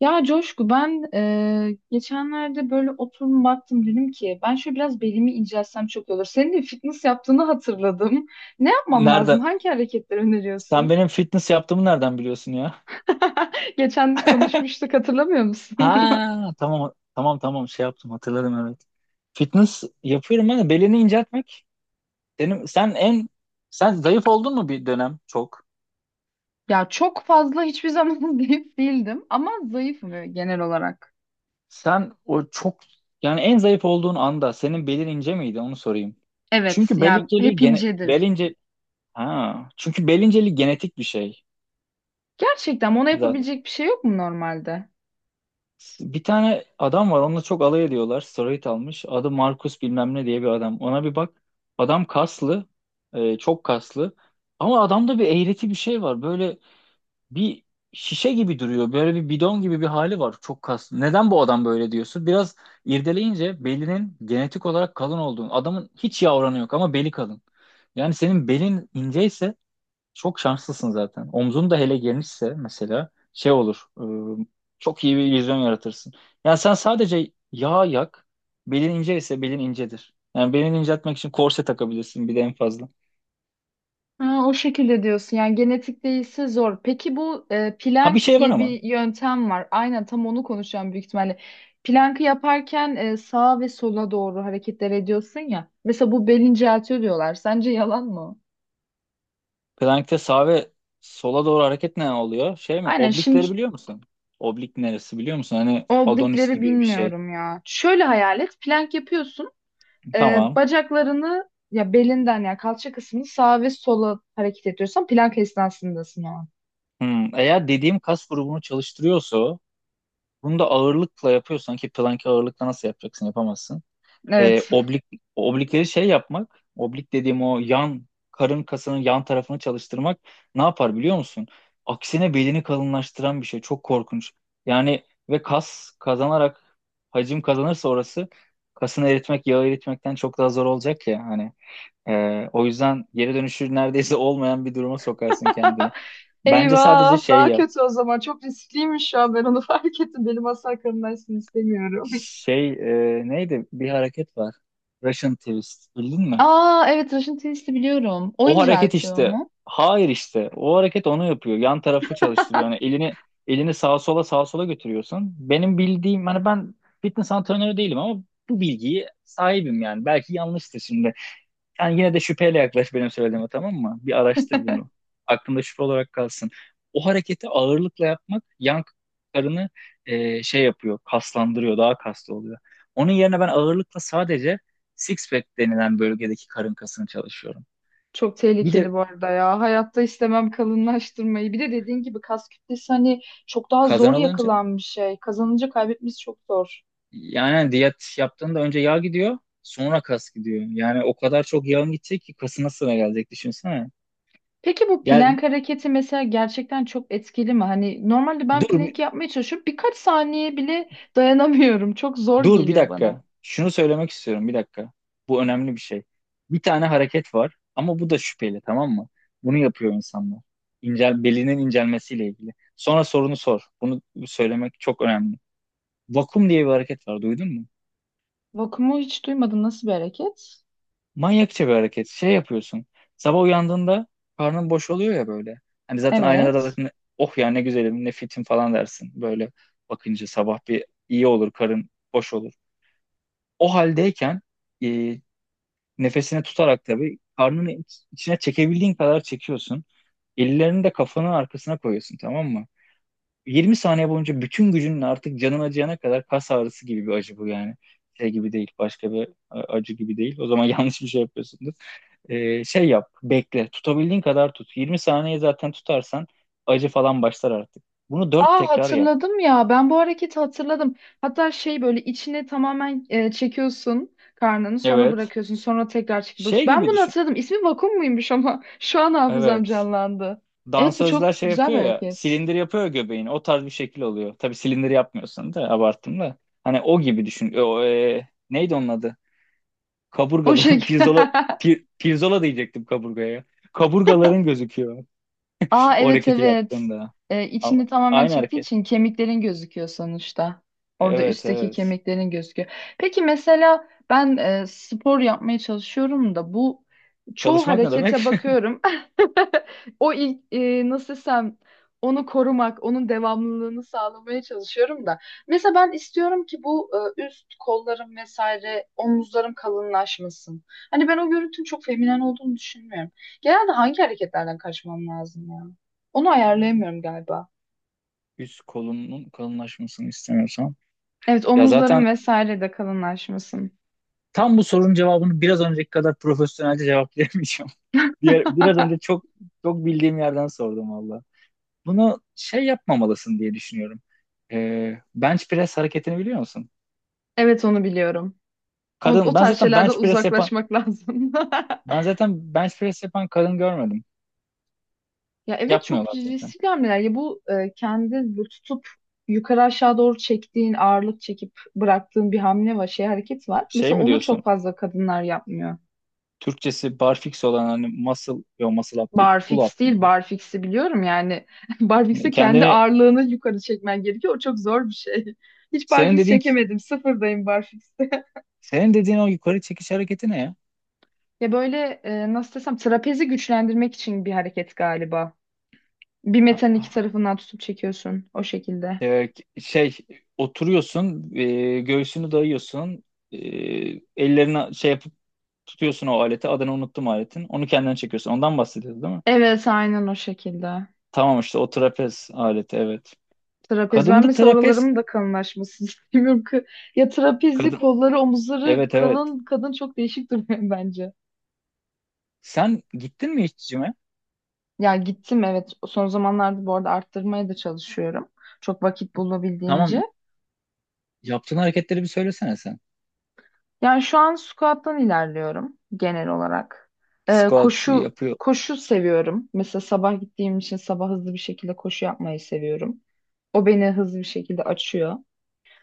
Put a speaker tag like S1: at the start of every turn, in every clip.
S1: Ya Coşku ben geçenlerde böyle oturum baktım dedim ki ben şöyle biraz belimi incelsem çok iyi olur. Senin de fitness yaptığını hatırladım. Ne yapmam lazım?
S2: Nereden?
S1: Hangi hareketleri
S2: Sen
S1: öneriyorsun?
S2: benim fitness yaptığımı nereden biliyorsun ya?
S1: Geçen gün konuşmuştuk hatırlamıyor musun?
S2: Ha, tamam tamam tamam, şey yaptım, hatırladım, evet. Fitness yapıyorum ben de belini inceltmek. Benim, sen en Sen zayıf oldun mu bir dönem çok?
S1: Ya çok fazla hiçbir zaman zayıf değildim ama zayıfım, evet, genel olarak.
S2: Sen o çok Yani en zayıf olduğun anda senin belin ince miydi, onu sorayım.
S1: Evet
S2: Çünkü bel
S1: ya,
S2: inceliği
S1: hep
S2: gene bel
S1: incedir.
S2: ince ha çünkü bel inceliği genetik bir şey.
S1: Gerçekten ona
S2: Zaten
S1: yapabilecek bir şey yok mu normalde?
S2: bir tane adam var, onunla çok alay ediyorlar. Steroid almış. Adı Markus bilmem ne diye bir adam. Ona bir bak. Adam kaslı. Çok kaslı. Ama adamda bir eğreti bir şey var. Böyle bir şişe gibi duruyor. Böyle bir bidon gibi bir hali var. Çok kaslı. Neden bu adam böyle diyorsun? Biraz irdeleyince belinin genetik olarak kalın olduğunu. Adamın hiç yavranı yok ama beli kalın. Yani senin belin inceyse çok şanslısın zaten. Omzun da hele genişse mesela şey olur. Çok iyi bir vizyon yaratırsın. Yani sen sadece yağ yak. Belin ince ise belin incedir. Yani belini inceltmek için korse takabilirsin bir de en fazla.
S1: Ha, o şekilde diyorsun, yani genetik değilse zor. Peki bu
S2: Ha, bir
S1: Planck
S2: şey var
S1: diye
S2: ama.
S1: bir yöntem var. Aynen tam onu konuşacağım büyük ihtimalle. Planck'ı yaparken sağa ve sola doğru hareketler ediyorsun ya. Mesela bu bel inceltiyor diyorlar. Sence yalan mı, o?
S2: Plankte sağa ve sola doğru hareket ne oluyor? Şey mi?
S1: Aynen, şimdi
S2: Oblikleri biliyor musun? Oblik neresi biliyor musun? Hani Adonis
S1: oblikleri
S2: gibi bir şey.
S1: bilmiyorum ya. Şöyle hayal et. Plank yapıyorsun.
S2: Tamam.
S1: Bacaklarını ya belinden ya kalça kısmını sağa ve sola hareket ediyorsan plank esnasındasın o an.
S2: Eğer dediğim kas grubunu çalıştırıyorsa o, bunu da ağırlıkla yapıyorsan ki plank ağırlıkla nasıl yapacaksın? Yapamazsın. e,
S1: Evet.
S2: oblik Oblikleri şey yapmak, oblik dediğim o yan karın kasının yan tarafını çalıştırmak ne yapar biliyor musun? Aksine belini kalınlaştıran bir şey. Çok korkunç. Yani ve kas kazanarak hacim kazanırsa orası, kasını eritmek yağı eritmekten çok daha zor olacak ya hani. O yüzden geri dönüşü neredeyse olmayan bir duruma sokarsın kendini. Bence sadece
S1: Eyvah,
S2: şey
S1: daha
S2: yap.
S1: kötü o zaman. Çok riskliymiş, şu an ben onu fark ettim. Benim asla aklımdaysın istemiyorum.
S2: Şey, neydi? Bir hareket var. Russian twist. Bildin mi?
S1: Aa evet, Russian twist'i biliyorum. O
S2: O hareket
S1: inceltiyor
S2: işte.
S1: mu?
S2: Hayır işte. O hareket onu yapıyor. Yan tarafı çalıştırıyor. Yani elini sağa sola sağa sola götürüyorsun. Benim bildiğim, hani ben fitness antrenörü değilim ama bu bilgiyi sahibim yani. Belki yanlıştır şimdi. Yani yine de şüpheyle yaklaş benim söylediğime, tamam mı? Bir araştır bunu. Aklında şüphe olarak kalsın. O hareketi ağırlıkla yapmak yan karını şey yapıyor. Kaslandırıyor. Daha kaslı oluyor. Onun yerine ben ağırlıkla sadece six pack denilen bölgedeki karın kasını çalışıyorum.
S1: Çok
S2: Bir de
S1: tehlikeli bu arada ya. Hayatta istemem kalınlaştırmayı. Bir de dediğin gibi kas kütlesi, hani çok daha zor
S2: kazanılınca,
S1: yakılan bir şey. Kazanınca kaybetmesi çok zor.
S2: yani hani diyet yaptığında önce yağ gidiyor, sonra kas gidiyor. Yani o kadar çok yağın gidecek ki kasına sıra gelecek, düşünsene.
S1: Peki bu
S2: Yani
S1: plank hareketi mesela gerçekten çok etkili mi? Hani normalde ben
S2: dur bir-
S1: plank yapmaya çalışıyorum. Birkaç saniye bile dayanamıyorum. Çok zor
S2: dur bir
S1: geliyor bana.
S2: dakika. Şunu söylemek istiyorum, bir dakika. Bu önemli bir şey. Bir tane hareket var ama bu da şüpheli, tamam mı? Bunu yapıyor insanlar. İncel, belinin incelmesiyle ilgili. Sonra sorunu sor. Bunu söylemek çok önemli. Vakum diye bir hareket var, duydun mu?
S1: Vakumu hiç duymadım. Nasıl bir hareket?
S2: Manyakça bir hareket. Şey yapıyorsun. Sabah uyandığında karnın boş oluyor ya böyle. Hani zaten aynada da
S1: Evet.
S2: zaten oh ya ne güzelim ne fitim falan dersin. Böyle bakınca sabah bir iyi olur, karın boş olur. O haldeyken e, nefesini tutarak tabii karnını içine çekebildiğin kadar çekiyorsun. Ellerini de kafanın arkasına koyuyorsun, tamam mı? 20 saniye boyunca, bütün gücünle, artık canın acıyana kadar, kas ağrısı gibi bir acı bu yani. Şey gibi değil, başka bir acı gibi değil. O zaman yanlış bir şey yapıyorsundur. Şey yap, bekle. Tutabildiğin kadar tut. 20 saniye zaten tutarsan acı falan başlar artık. Bunu 4
S1: Aa,
S2: tekrar yap.
S1: hatırladım ya. Ben bu hareketi hatırladım. Hatta şey, böyle içine tamamen çekiyorsun karnını, sonra
S2: Evet.
S1: bırakıyorsun, sonra tekrar çekip bırakıyorsun.
S2: Şey
S1: Ben
S2: gibi
S1: bunu
S2: düşün.
S1: hatırladım. İsmi vakum muymuş ama şu an hafızam
S2: Evet.
S1: canlandı. Evet, bu çok
S2: Dansözler şey
S1: güzel bir
S2: yapıyor ya,
S1: hareket.
S2: silindir yapıyor ya göbeğini. O tarz bir şekil oluyor. Tabii silindir yapmıyorsun da, abarttım da. Hani o gibi düşün. O, neydi onun adı?
S1: O
S2: Kaburgaların
S1: şekilde.
S2: pirzola diyecektim kaburgaya. Kaburgaların gözüküyor
S1: Aa
S2: o
S1: evet,
S2: hareketi
S1: evet.
S2: yaptığında. A-
S1: İçini tamamen
S2: Aynı
S1: çektiği
S2: hareket.
S1: için kemiklerin gözüküyor sonuçta. Orada
S2: Evet,
S1: üstteki
S2: evet.
S1: kemiklerin gözüküyor. Peki mesela ben spor yapmaya çalışıyorum da bu çoğu
S2: Çalışmak ne
S1: harekete
S2: demek?
S1: bakıyorum. O ilk, nasıl desem, onu korumak, onun devamlılığını sağlamaya çalışıyorum da. Mesela ben istiyorum ki bu üst kollarım vesaire omuzlarım kalınlaşmasın. Hani ben o görüntünün çok feminen olduğunu düşünmüyorum. Genelde hangi hareketlerden kaçmam lazım ya? Onu ayarlayamıyorum galiba.
S2: Üst kolunun kalınlaşmasını istemiyorsan.
S1: Evet,
S2: Ya
S1: omuzlarım
S2: zaten
S1: vesaire de kalınlaşmasın.
S2: tam bu sorunun cevabını biraz önceki kadar profesyonelce cevaplayamayacağım. Diğer, biraz önce çok çok bildiğim yerden sordum valla. Bunu şey yapmamalısın diye düşünüyorum. Bench press hareketini biliyor musun?
S1: Evet, onu biliyorum. O, o
S2: Kadın,
S1: tarz şeylerden uzaklaşmak lazım.
S2: ben zaten bench press yapan kadın görmedim.
S1: Ya evet, çok
S2: Yapmıyorlar zaten.
S1: riskli hamleler. Ya bu kendi bu tutup yukarı aşağı doğru çektiğin, ağırlık çekip bıraktığın bir hamle var, şey hareket var.
S2: Şey
S1: Mesela
S2: mi
S1: onu çok
S2: diyorsun?
S1: fazla kadınlar yapmıyor.
S2: Türkçesi barfix olan, hani muscle, yo muscle up değil, pull up
S1: Barfix değil,
S2: mıydı?
S1: barfix'i biliyorum yani.
S2: E,
S1: Barfix'e kendi
S2: Kendini,
S1: ağırlığını yukarı çekmen gerekiyor. O çok zor bir şey. Hiç
S2: senin
S1: barfix
S2: dediğin,
S1: çekemedim. Sıfırdayım barfix'te.
S2: senin dediğin o yukarı çekiş hareketi ne ya?
S1: Ya böyle, nasıl desem, trapezi güçlendirmek için bir hareket galiba. Bir
S2: Ah,
S1: metanın iki
S2: ah,
S1: tarafından tutup çekiyorsun o şekilde.
S2: e, şey, oturuyorsun, göğsünü dayıyorsun, e, ellerini şey yapıp tutuyorsun o aleti, adını unuttum aletin, onu kendine çekiyorsun. Ondan bahsediyoruz değil mi?
S1: Evet, aynen o şekilde.
S2: Tamam, işte o trapez aleti, evet.
S1: Trapez, ben
S2: Kadında
S1: mesela
S2: trapez,
S1: oralarımın da kalınlaşmasını istemiyorum. Ya trapezi,
S2: kadın,
S1: kolları, omuzları
S2: evet, evet.
S1: kalın kadın çok değişik duruyor bence.
S2: Sen gittin mi hiç cime?
S1: Ya gittim, evet. Son zamanlarda bu arada arttırmaya da çalışıyorum. Çok vakit bulabildiğimce.
S2: Tamam. Yaptığın hareketleri bir söylesene sen.
S1: Yani şu an squat'tan ilerliyorum genel olarak. Ee,
S2: Squat
S1: koşu
S2: yapıyor.
S1: koşu seviyorum. Mesela sabah gittiğim için sabah hızlı bir şekilde koşu yapmayı seviyorum. O beni hızlı bir şekilde açıyor.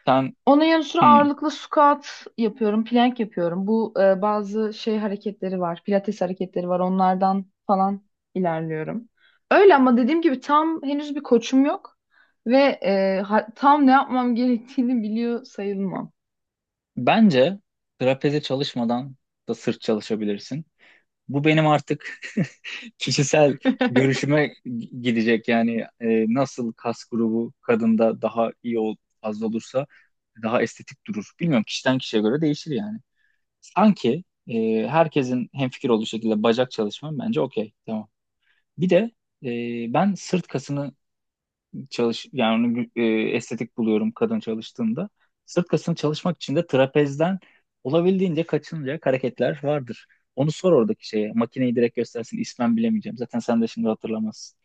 S2: Sen,
S1: Onun yanı sıra
S2: hmm.
S1: ağırlıklı squat yapıyorum, plank yapıyorum. Bu bazı şey hareketleri var, pilates hareketleri var. Onlardan falan ilerliyorum. Öyle ama dediğim gibi tam henüz bir koçum yok ve tam ne yapmam gerektiğini biliyor sayılmam.
S2: Bence trapeze çalışmadan da sırt çalışabilirsin. Bu benim artık kişisel görüşüme gidecek. Yani nasıl kas grubu kadında daha iyi fazla olursa daha estetik durur. Bilmiyorum, kişiden kişiye göre değişir yani. Sanki herkesin hemfikir olduğu şekilde bacak çalışmam bence okey. Tamam. Bir de ben sırt kasını çalış yani onu gü- e, estetik buluyorum kadın çalıştığında. Sırt kasını çalışmak için de trapezden olabildiğince kaçınacak hareketler vardır. Onu sor oradaki şeye. Makineyi direkt göstersin. İsmen bilemeyeceğim. Zaten sen de şimdi hatırlamazsın.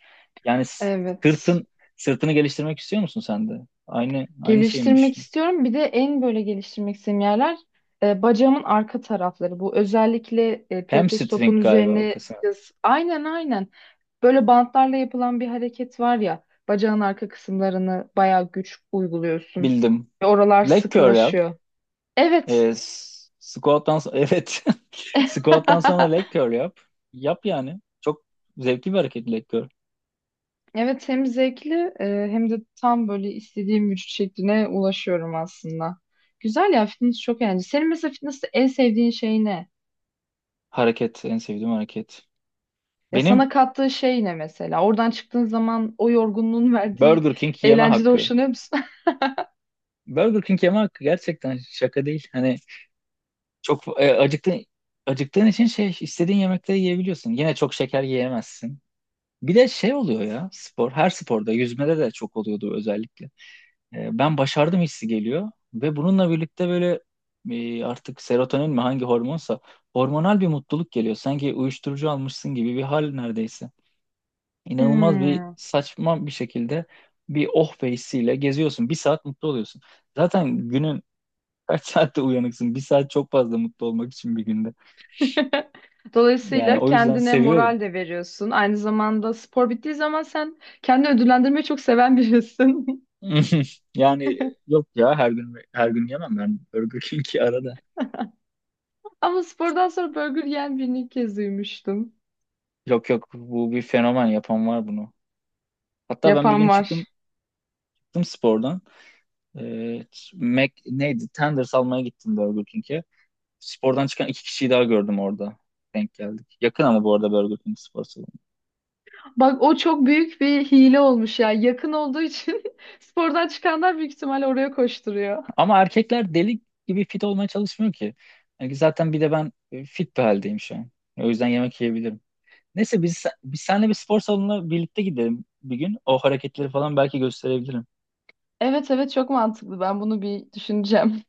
S2: Yani
S1: Evet.
S2: sırtın sırtını geliştirmek istiyor musun sen de? Aynı şeyi mi
S1: Geliştirmek
S2: düşünüyorsun?
S1: istiyorum. Bir de en böyle geliştirmek istediğim yerler bacağımın arka tarafları. Bu özellikle pilates
S2: Hamstring
S1: topunun
S2: galiba o
S1: üzerine
S2: kasa.
S1: yaz. Aynen, aynen. Böyle bantlarla yapılan bir hareket var ya. Bacağın arka kısımlarını bayağı güç uyguluyorsun.
S2: Bildim.
S1: Ve oralar
S2: Leg curl yap.
S1: sıkılaşıyor. Evet.
S2: Evet. Squat'tan sonra leg curl yap. Yap yani. Çok zevkli bir hareket leg curl.
S1: Evet, hem zevkli e, hem de tam böyle istediğim vücut şekline ulaşıyorum aslında. Güzel ya, fitness çok eğlenceli. Senin mesela fitness'te en sevdiğin şey ne?
S2: Hareket, en sevdiğim hareket.
S1: Ya
S2: Benim
S1: sana kattığı şey ne mesela? Oradan çıktığın zaman o yorgunluğun verdiği
S2: Burger King yeme
S1: eğlencede
S2: hakkı.
S1: hoşlanıyor musun?
S2: Burger King yeme hakkı, gerçekten şaka değil. Hani çok acıktığın için şey istediğin yemekleri yiyebiliyorsun. Yine çok şeker yiyemezsin. Bir de şey oluyor ya, spor, her sporda, yüzmede de çok oluyordu özellikle. Ben başardım hissi geliyor ve bununla birlikte böyle artık serotonin mi hangi hormonsa hormonal bir mutluluk geliyor. Sanki uyuşturucu almışsın gibi bir hal neredeyse. İnanılmaz bir
S1: Hmm.
S2: saçma bir şekilde bir oh be hissiyle geziyorsun. Bir saat mutlu oluyorsun. Zaten günün kaç saatte uyanıksın? Bir saat çok fazla mutlu olmak için bir günde. Yani
S1: Dolayısıyla
S2: o yüzden
S1: kendine
S2: seviyorum.
S1: moral de veriyorsun. Aynı zamanda spor bittiği zaman sen kendini ödüllendirmeyi çok seven birisin.
S2: Yani yok ya, her gün her gün yemem ben Burger King'i, arada.
S1: Ama spordan sonra burger yiyen birini ilk kez duymuştum.
S2: Yok yok, bu bir fenomen yapan var bunu. Hatta ben bir
S1: Yapan
S2: gün
S1: var.
S2: çıktım spordan. Ee, Mac, neydi? Tenders almaya gittim Burger King'e. Spordan çıkan iki kişiyi daha gördüm orada. Denk geldik. Yakın ama bu arada Burger King spor salonu.
S1: Bak, o çok büyük bir hile olmuş ya. Yakın olduğu için spordan çıkanlar büyük ihtimalle oraya koşturuyor.
S2: Ama erkekler deli gibi fit olmaya çalışmıyor ki. Yani zaten bir de ben fit bir haldeyim şu an. O yüzden yemek yiyebilirim. Neyse, biz seninle bir spor salonuna birlikte gidelim bir gün. O hareketleri falan belki gösterebilirim.
S1: Evet evet, çok mantıklı. Ben bunu bir düşüneceğim.